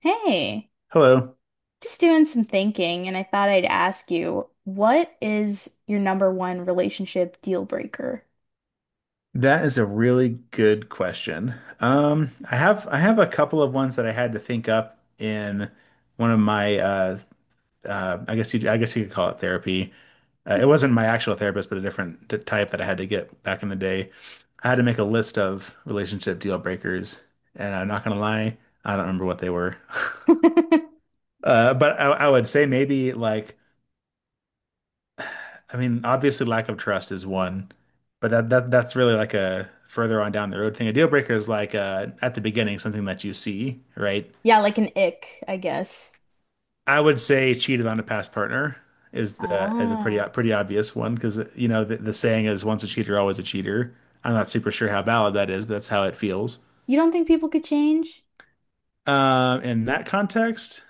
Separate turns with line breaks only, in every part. Hey,
Hello.
just doing some thinking, and I thought I'd ask you, what is your number one relationship deal breaker?
That is a really good question. I have a couple of ones that I had to think up in one of my I guess you could call it therapy. It wasn't my actual therapist, but a different type that I had to get back in the day. I had to make a list of relationship deal breakers, and I'm not gonna lie, I don't remember what they were. But I would say maybe like I mean, obviously lack of trust is one, but that's really like a further on down the road thing. A deal breaker is like at the beginning something that you see, right?
Yeah, like an ick, I guess.
I would say cheated on a past partner is a pretty
Ah,
pretty obvious one because the saying is once a cheater, always a cheater. I'm not super sure how valid that is, but that's how it feels.
you don't think people could change?
In that context,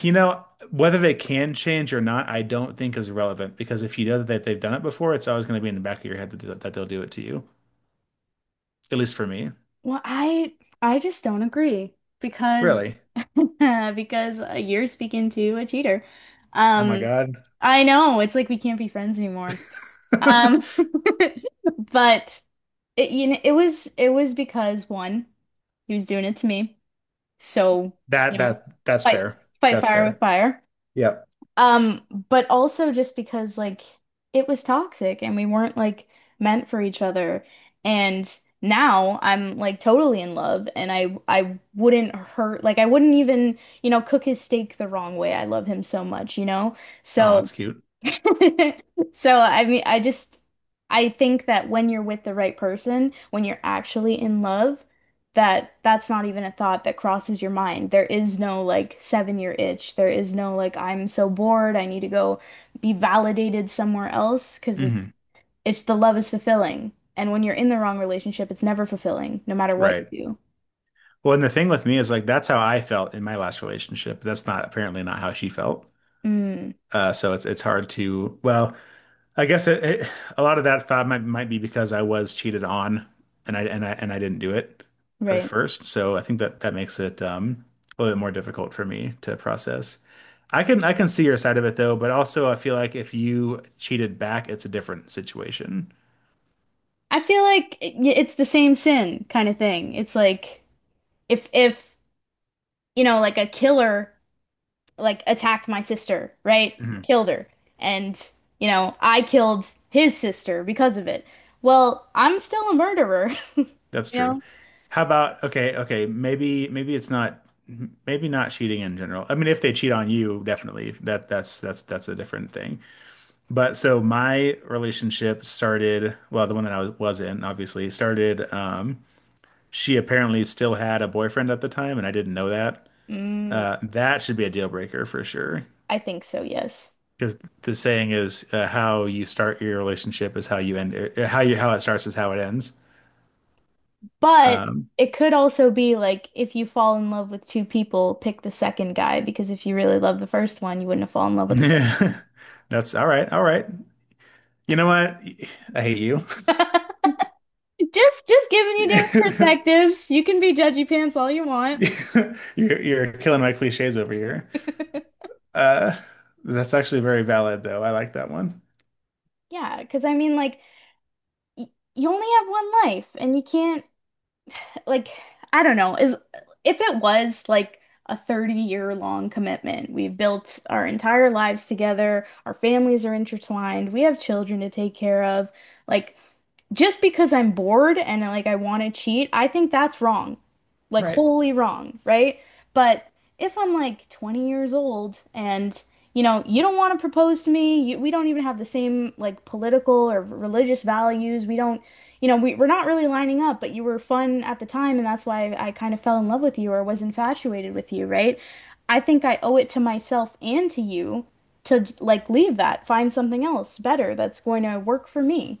whether they can change or not, I don't think is relevant because if you know that they've done it before, it's always going to be in the back of your head that they'll do it to you, at least for me.
Well, I just don't agree because
Really?
Because you're speaking to a cheater.
Oh my
Um,
God.
I know, it's like we can't be friends anymore. Um, but It was because one, he was doing it to me. So,
That
you know,
that that's
fight
fair.
fight
That's
fire with
fair.
fire.
Yep.
But also just because like it was toxic and we weren't like meant for each other. And now I'm like totally in love and I wouldn't hurt like I wouldn't even, cook his steak the wrong way. I love him so much, you know?
Oh,
So
that's cute.
So, I mean, I just I think that when you're with the right person, when you're actually in love, that that's not even a thought that crosses your mind. There is no like 7-year itch. There is no like I'm so bored, I need to go be validated somewhere else because
Hmm.
it's the love is fulfilling. And when you're in the wrong relationship, it's never fulfilling, no matter what you
Right.
do.
Well, and the thing with me is like that's how I felt in my last relationship. That's not apparently not how she felt.
Mm,
So it's hard to well, I guess a lot of that thought might be because I was cheated on, and I didn't do it at
right.
first. So I think that that makes it a little bit more difficult for me to process. I can see your side of it though, but also I feel like if you cheated back, it's a different situation.
I feel like it's the same sin kind of thing. It's like if like a killer like attacked my sister, right?
Mhm.
Killed her. And, you know, I killed his sister because of it. Well, I'm still a murderer,
That's
you
true.
know?
How about okay, okay, maybe it's not maybe not cheating in general. I mean, if they cheat on you, definitely that's a different thing. But so my relationship started, well, the one that was in, obviously, started. She apparently still had a boyfriend at the time, and I didn't know that.
Mm,
That should be a deal breaker for sure.
I think so, yes.
Because the saying is, how you start your relationship is how you end it. How it starts is how it ends.
But it could also be like if you fall in love with two people, pick the second guy because if you really love the first one, you wouldn't have fallen in love with the second.
Yeah, that's all right. All right. You know what? I hate you.
Just giving you different perspectives. You can be judgy pants all you want.
You're killing my cliches over here. Uh, that's actually very valid, though. I like that one.
Yeah, because I mean like y you only have one life and you can't like I don't know, is if it was like a 30-year long commitment, we've built our entire lives together, our families are intertwined, we have children to take care of, like just because I'm bored and like I want to cheat, I think that's wrong. Like
Right.
wholly wrong, right? But if I'm like 20 years old and you know, you don't want to propose to me, we don't even have the same like political or religious values. We don't, you know, we're not really lining up, but you were fun at the time and that's why I kind of fell in love with you or was infatuated with you, right? I think I owe it to myself and to you to like leave that, find something else better that's going to work for me.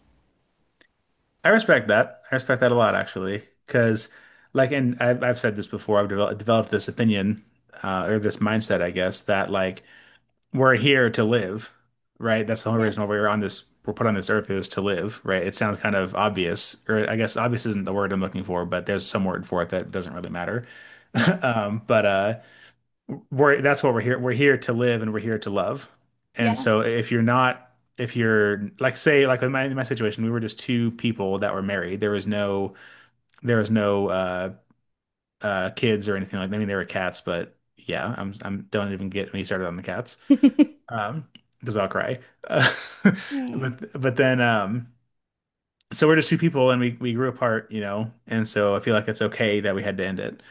I respect that. I respect that a lot, actually, because like, and I've said this before. I've developed this opinion or this mindset, I guess, that like we're here to live, right? That's the whole
Yep.
reason why we're on this. We're put on this earth is to live, right? It sounds kind of obvious, or I guess obvious isn't the word I'm looking for, but there's some word for it that doesn't really matter. But we're that's what we're here. We're here to live and we're here to love. And
Yeah.
so if you're not, if you're like say like in my situation, we were just two people that were married. There was no there was no uh kids or anything like that. I mean there were cats, but yeah, I'm don't even get me started on the cats. Um because I'll cry. Uh,
Hmm.
but then so we're just two people and we grew apart. And so I feel like it's okay that we had to end it.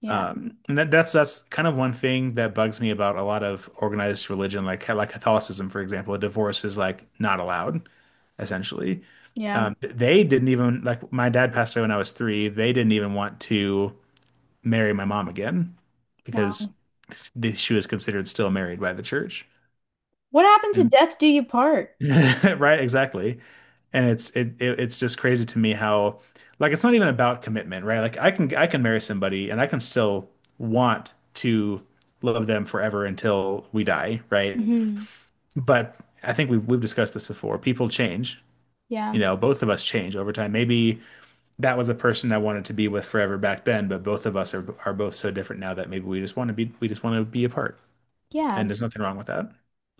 Yeah.
And that's kind of one thing that bugs me about a lot of organized religion, like Catholicism, for example. A divorce is like not allowed, essentially.
Yeah.
They didn't even like my dad passed away when I was 3. They didn't even want to marry my mom again because
Wow.
she was considered still married by the church.
What happened to
And
death do you part?
Right, exactly. And it's it, it it's just crazy to me how like it's not even about commitment, right? Like I can marry somebody and I can still want to love them forever until we die, right?
Hmm.
But I think we've discussed this before. People change. You
Yeah.
know, both of us change over time. Maybe that was the person I wanted to be with forever back then, but both of us are both so different now that maybe we just want to be apart. And
Yeah.
there's nothing wrong with that,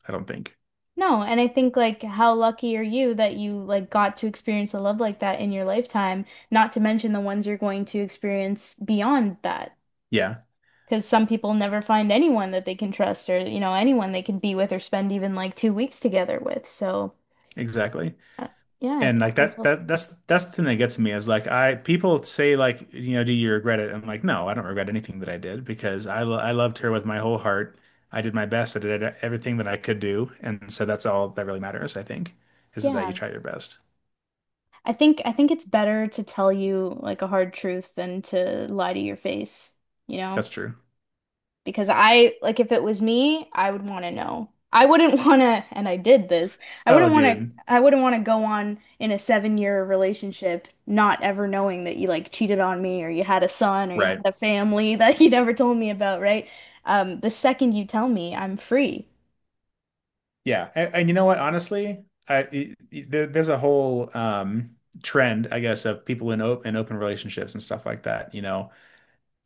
I don't think.
No, and I think like how lucky are you that you like got to experience a love like that in your lifetime, not to mention the ones you're going to experience beyond that.
Yeah,
Because some people never find anyone that they can trust or, you know, anyone they can be with or spend even like 2 weeks together with. So,
exactly.
uh, yeah, I'd
And like
count
that
myself.
that that's that's the thing that gets me is like I people say like do you regret it? I'm like no, I don't regret anything that I did because I loved her with my whole heart. I did my best. I did everything that I could do, and so that's all that really matters, I think, is that you
Yeah.
try your best.
I think it's better to tell you like a hard truth than to lie to your face, you know?
That's true.
Because I like if it was me, I would want to know. I wouldn't want to, and I did this.
Oh, dude.
I wouldn't want to go on in a seven-year relationship not ever knowing that you like cheated on me or you had a son or you had
Right.
a family that you never told me about, right? The second you tell me, I'm free.
Yeah. And you know what? Honestly, I it, it- there, there's a whole trend, I guess, of people in open relationships and stuff like that.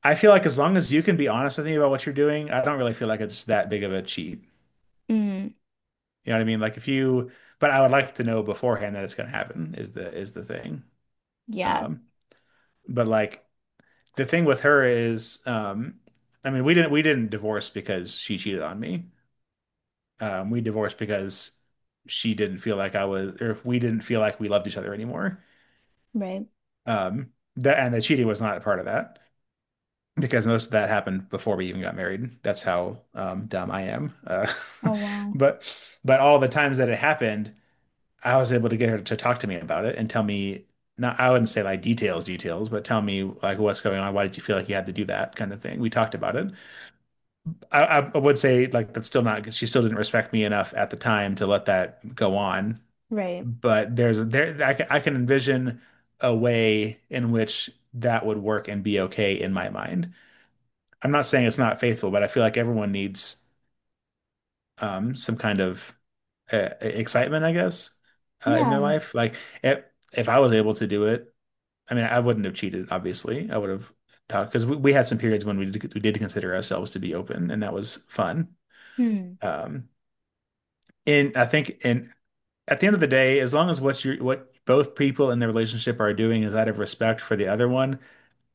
I feel like as long as you can be honest with me about what you're doing, I don't really feel like it's that big of a cheat.
Mm,
You know what I mean? Like if you, but I would like to know beforehand that it's going to happen is the thing.
yeah,
Um, but like the thing with her is, I mean, we didn't divorce because she cheated on me. We divorced because she didn't feel like I was, or we didn't feel like we loved each other anymore.
right.
Um, that and the cheating was not a part of that. Because most of that happened before we even got married. That's how dumb I am.
Oh wow.
But but all the times that it happened, I was able to get her to talk to me about it and tell me not I wouldn't say like details, but tell me like what's going on. Why did you feel like you had to do that kind of thing? We talked about it. I would say like that's still not she still didn't respect me enough at the time to let that go on.
Right.
But there's there I can envision a way in which that would work and be okay in my mind. I'm not saying it's not faithful, but I feel like everyone needs some kind of excitement, I guess, in their
Yeah.
life. Like if, if I was able to do it, I mean, I wouldn't have cheated, obviously. I would have talked because we had some periods when we did consider ourselves to be open, and that was fun.
Hmm.
Um, and I think, and at the end of the day, as long as what both people in the relationship are doing is out of respect for the other one,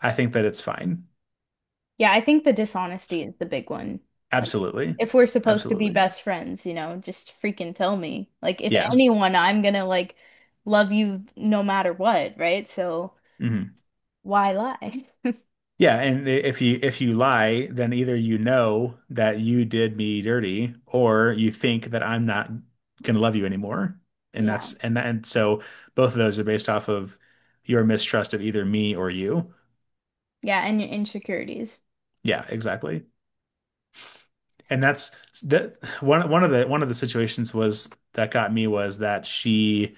I think that it's fine.
Yeah, I think the dishonesty is the big one. Like,
Absolutely,
if we're supposed to be
absolutely,
best friends, you know, just freaking tell me. Like, if
yeah.
anyone, I'm gonna like love you no matter what, right? So
Mhm.
why lie?
Yeah, and if you lie, then either you know that you did me dirty, or you think that I'm not gonna love you anymore. And
Yeah.
that's and that, and so both of those are based off of your mistrust of either me or you.
Yeah, and your insecurities.
Yeah, exactly. And that's that one one of the One of the situations was that got me was that she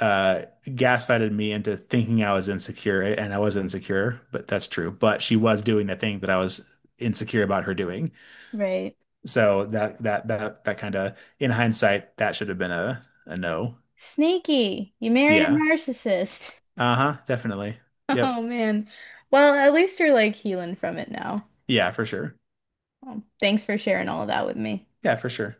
gaslighted me into thinking I was insecure, and I was insecure, but that's true. But she was doing the thing that I was insecure about her doing.
Right.
So that kind of in hindsight, that should have been a no.
Sneaky. You married a
Yeah.
narcissist.
Uh-huh. Definitely.
Oh
Yep.
man. Well, at least you're like healing from it now.
Yeah, for sure.
Thanks for sharing all of that with me.
Yeah, for sure.